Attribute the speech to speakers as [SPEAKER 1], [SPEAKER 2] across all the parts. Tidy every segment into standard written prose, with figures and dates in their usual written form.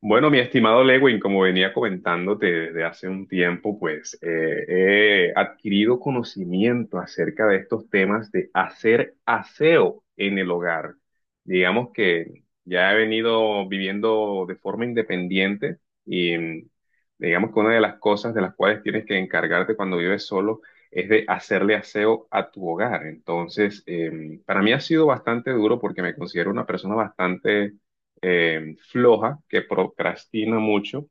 [SPEAKER 1] Bueno, mi estimado Lewin, como venía comentándote desde hace un tiempo, pues he adquirido conocimiento acerca de estos temas de hacer aseo en el hogar. Digamos que ya he venido viviendo de forma independiente y digamos que una de las cosas de las cuales tienes que encargarte cuando vives solo es de hacerle aseo a tu hogar. Entonces, para mí ha sido bastante duro porque me considero una persona bastante floja, que procrastina mucho.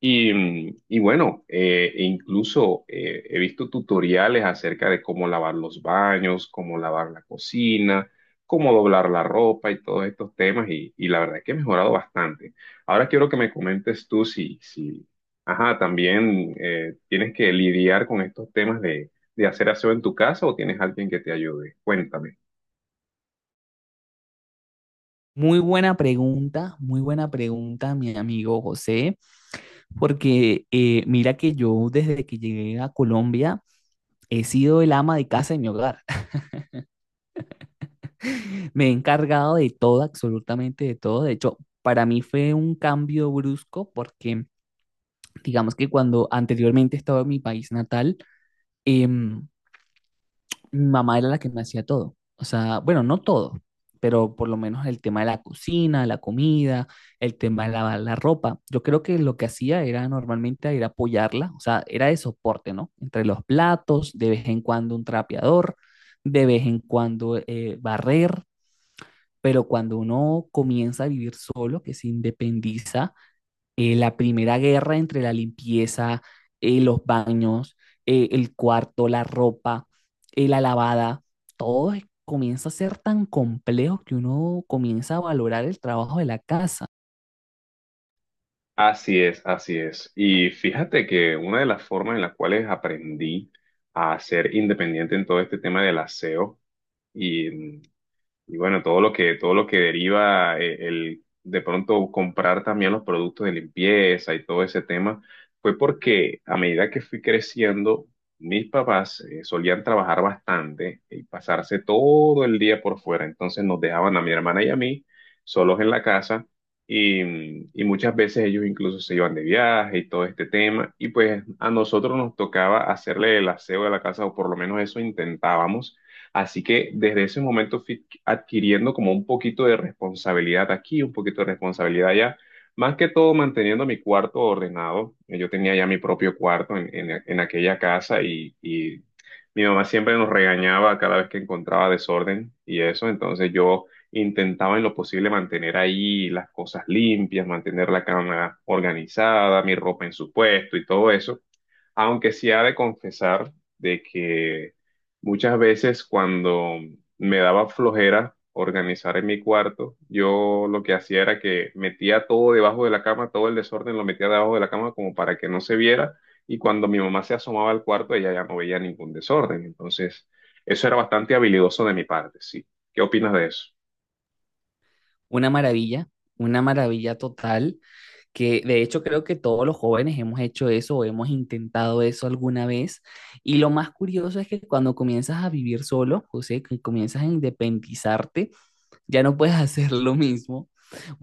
[SPEAKER 1] E incluso he visto tutoriales acerca de cómo lavar los baños, cómo lavar la cocina, cómo doblar la ropa y todos estos temas. Y la verdad es que he mejorado bastante. Ahora quiero que me comentes tú si ajá, también tienes que lidiar con estos temas de hacer aseo en tu casa o tienes alguien que te ayude. Cuéntame.
[SPEAKER 2] Muy buena pregunta, mi amigo José, porque mira que yo desde que llegué a Colombia he sido el ama de casa en mi hogar. Me he encargado de todo, absolutamente de todo. De hecho, para mí fue un cambio brusco porque digamos que cuando anteriormente estaba en mi país natal, em, mi mamá era la que me hacía todo. O sea, bueno, no todo, pero por lo menos el tema de la cocina, la comida, el tema de lavar la ropa. Yo creo que lo que hacía era normalmente ir a apoyarla, o sea, era de soporte, ¿no? Entre los platos, de vez en cuando un trapeador, de vez en cuando barrer, pero cuando uno comienza a vivir solo, que se independiza, la primera guerra entre la limpieza, los baños, el cuarto, la ropa, la lavada, comienza a ser tan complejo que uno comienza a valorar el trabajo de la casa.
[SPEAKER 1] Así es, así es. Y fíjate que una de las formas en las cuales aprendí a ser independiente en todo este tema del aseo y y bueno, todo lo que deriva el de pronto comprar también los productos de limpieza y todo ese tema, fue porque a medida que fui creciendo, mis papás solían trabajar bastante y pasarse todo el día por fuera. Entonces nos dejaban a mi hermana y a mí solos en la casa y muchas veces ellos incluso se iban de viaje y todo este tema. Y pues a nosotros nos tocaba hacerle el aseo de la casa o por lo menos eso intentábamos. Así que desde ese momento fui adquiriendo como un poquito de responsabilidad aquí, un poquito de responsabilidad allá. Más que todo manteniendo mi cuarto ordenado. Yo tenía ya mi propio cuarto en aquella casa y mi mamá siempre nos regañaba cada vez que encontraba desorden y eso. Entonces yo intentaba en lo posible mantener ahí las cosas limpias, mantener la cama organizada, mi ropa en su puesto y todo eso. Aunque sí ha de confesar de que muchas veces cuando me daba flojera organizar en mi cuarto, yo lo que hacía era que metía todo debajo de la cama, todo el desorden lo metía debajo de la cama como para que no se viera y cuando mi mamá se asomaba al cuarto ella ya no veía ningún desorden. Entonces, eso era bastante habilidoso de mi parte, sí. ¿Qué opinas de eso?
[SPEAKER 2] Una maravilla, una maravilla total, que de hecho creo que todos los jóvenes hemos hecho eso o hemos intentado eso alguna vez. Y lo más curioso es que cuando comienzas a vivir solo, José, que comienzas a independizarte, ya no puedes hacer lo mismo.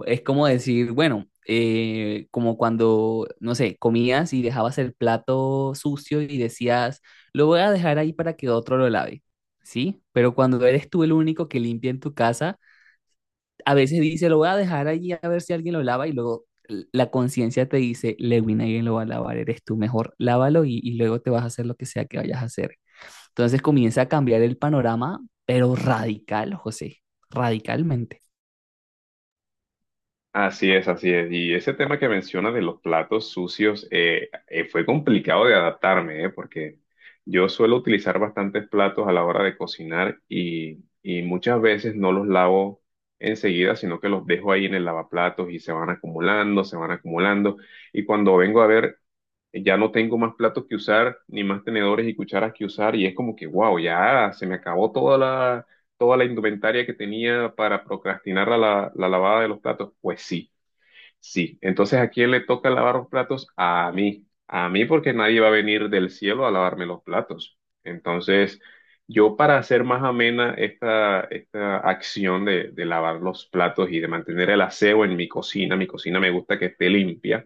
[SPEAKER 2] Es como decir, bueno, como cuando, no sé, comías y dejabas el plato sucio y decías, lo voy a dejar ahí para que otro lo lave, ¿sí? Pero cuando eres tú el único que limpia en tu casa, a veces dice, lo voy a dejar allí a ver si alguien lo lava y luego la conciencia te dice, Lewin, alguien lo va a lavar, eres tú, mejor lávalo y luego te vas a hacer lo que sea que vayas a hacer. Entonces comienza a cambiar el panorama, pero radical, José, radicalmente.
[SPEAKER 1] Así es, así es. Y ese tema que mencionas de los platos sucios fue complicado de adaptarme, porque yo suelo utilizar bastantes platos a la hora de cocinar y muchas veces no los lavo enseguida, sino que los dejo ahí en el lavaplatos y se van acumulando, se van acumulando. Y cuando vengo a ver, ya no tengo más platos que usar, ni más tenedores y cucharas que usar, y es como que, wow, ya se me acabó toda la indumentaria que tenía para procrastinar la lavada de los platos, pues sí, sí, entonces ¿a quién le toca lavar los platos? A mí porque nadie va a venir del cielo a lavarme los platos. Entonces, yo para hacer más amena esta, esta acción de lavar los platos y de mantener el aseo en mi cocina me gusta que esté limpia,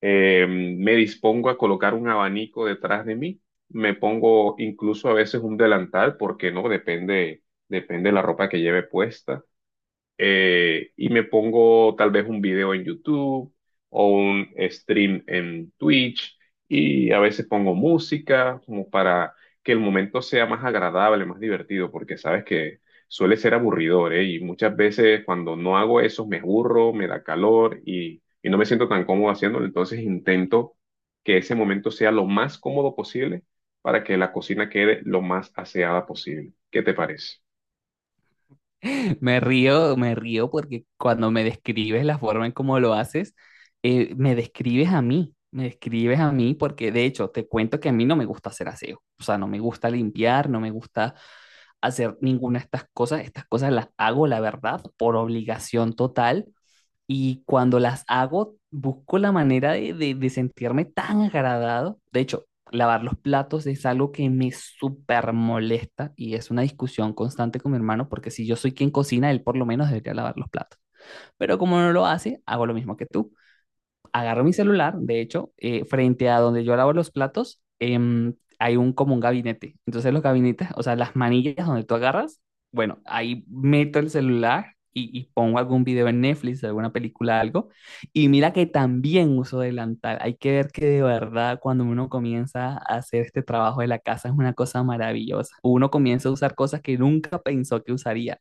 [SPEAKER 1] me dispongo a colocar un abanico detrás de mí, me pongo incluso a veces un delantal, porque no, depende, depende de la ropa que lleve puesta y me pongo tal vez un video en YouTube o un stream en Twitch y a veces pongo música como para que el momento sea más agradable, más divertido, porque sabes que suele ser aburridor, ¿eh? Y muchas veces cuando no hago eso me aburro, me da calor y no me siento tan cómodo haciéndolo, entonces intento que ese momento sea lo más cómodo posible para que la cocina quede lo más aseada posible. ¿Qué te parece?
[SPEAKER 2] Me río porque cuando me describes la forma en cómo lo haces, me describes a mí, me describes a mí porque de hecho te cuento que a mí no me gusta hacer aseo, o sea, no me gusta limpiar, no me gusta hacer ninguna de estas cosas las hago, la verdad, por obligación total y cuando las hago, busco la manera de, de sentirme tan agradado. De hecho, lavar los platos es algo que me súper molesta y es una discusión constante con mi hermano porque si yo soy quien cocina, él por lo menos debería lavar los platos. Pero como no lo hace, hago lo mismo que tú. Agarré mi celular, de hecho, frente a donde yo lavo los platos, hay un como un gabinete. Entonces los gabinetes, o sea, las manillas donde tú agarras, bueno, ahí meto el celular y pongo algún video en Netflix, alguna película, algo. Y mira que también uso delantal. Hay que ver que de verdad cuando uno comienza a hacer este trabajo de la casa es una cosa maravillosa. Uno comienza a usar cosas que nunca pensó que usaría.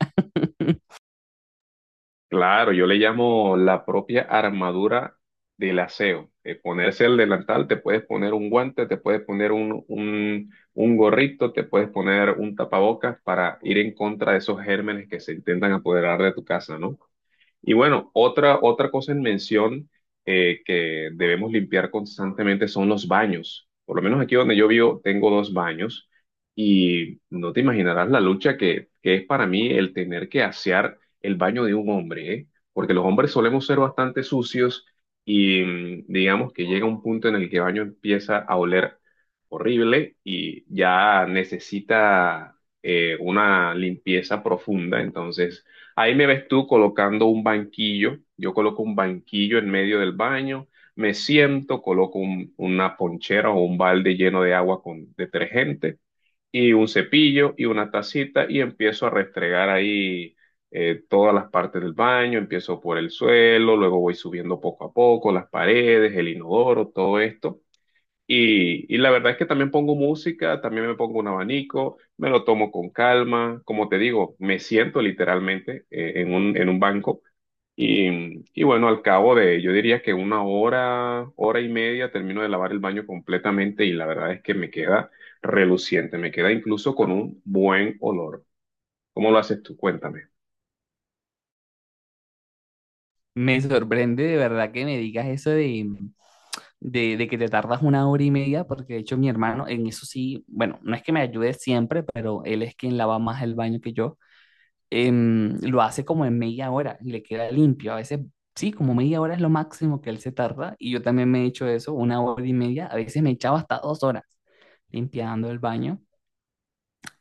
[SPEAKER 1] Claro, yo le llamo la propia armadura del aseo. Ponerse el delantal, te puedes poner un guante, te puedes poner un gorrito, te puedes poner un tapabocas para ir en contra de esos gérmenes que se intentan apoderar de tu casa, ¿no? Y bueno, otra cosa en mención que debemos limpiar constantemente son los baños. Por lo menos aquí donde yo vivo tengo dos baños y no te imaginarás la lucha que es para mí el tener que asear el baño de un hombre, ¿eh? Porque los hombres solemos ser bastante sucios y digamos que llega un punto en el que el baño empieza a oler horrible y ya necesita una limpieza profunda. Entonces ahí me ves tú colocando un banquillo. Yo coloco un banquillo en medio del baño, me siento, coloco una ponchera o un balde lleno de agua con detergente y un cepillo y una tacita y empiezo a restregar ahí todas las partes del baño. Empiezo por el suelo, luego voy subiendo poco a poco las paredes, el inodoro, todo esto. Y la verdad es que también pongo música, también me pongo un abanico, me lo tomo con calma, como te digo, me siento literalmente en un banco y bueno, al cabo de, yo diría que una hora, hora y media termino de lavar el baño completamente y la verdad es que me queda reluciente, me queda incluso con un buen olor. ¿Cómo lo haces tú? Cuéntame.
[SPEAKER 2] Me sorprende de verdad que me digas eso de, de que te tardas una hora y media, porque de hecho mi hermano en eso sí, bueno, no es que me ayude siempre, pero él es quien lava más el baño que yo, lo hace como en media hora y le queda limpio. A veces sí, como media hora es lo máximo que él se tarda y yo también me he hecho eso, una hora y media, a veces me echaba hasta 2 horas limpiando el baño.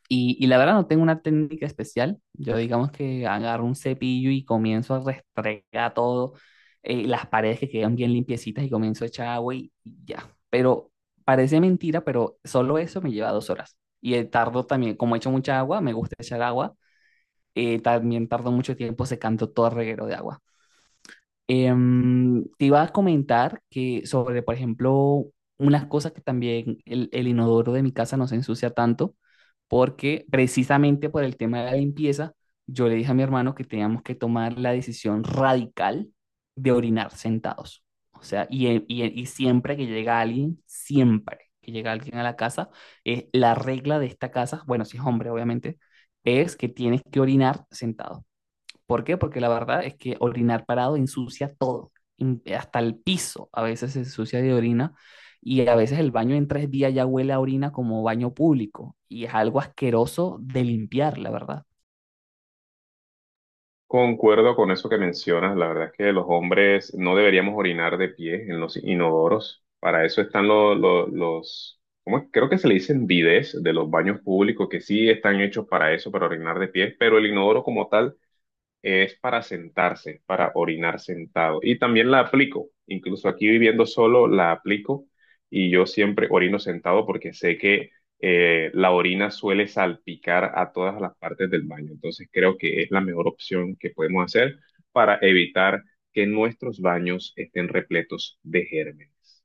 [SPEAKER 2] Y la verdad no tengo una técnica especial. Yo digamos que agarro un cepillo y comienzo a restregar todo, las paredes que quedan bien limpiecitas y comienzo a echar agua y ya. Pero parece mentira, pero solo eso me lleva 2 horas. Y tardo también, como echo mucha agua, me gusta echar agua, también tardo mucho tiempo secando todo el reguero de agua. Te iba a comentar que sobre, por ejemplo, unas cosas que también el inodoro de mi casa no se ensucia tanto, porque precisamente por el tema de la limpieza, yo le dije a mi hermano que teníamos que tomar la decisión radical de orinar sentados. O sea, y siempre que llega alguien, siempre que llega alguien a la casa, es la regla de esta casa, bueno, si es hombre, obviamente, es que tienes que orinar sentado. ¿Por qué? Porque la verdad es que orinar parado ensucia todo, hasta el piso a veces se ensucia de orina y a veces el baño en 3 días ya huele a orina como baño público y es algo asqueroso de limpiar, la verdad.
[SPEAKER 1] Concuerdo con eso que mencionas. La verdad es que los hombres no deberíamos orinar de pie en los inodoros. Para eso están los, ¿cómo es? Creo que se le dicen bidés de los baños públicos que sí están hechos para eso, para orinar de pie, pero el inodoro como tal es para sentarse, para orinar sentado. Y también la aplico, incluso aquí viviendo solo, la aplico y yo siempre orino sentado porque sé que la orina suele salpicar a todas las partes del baño. Entonces creo que es la mejor opción que podemos hacer para evitar que nuestros baños estén repletos de gérmenes.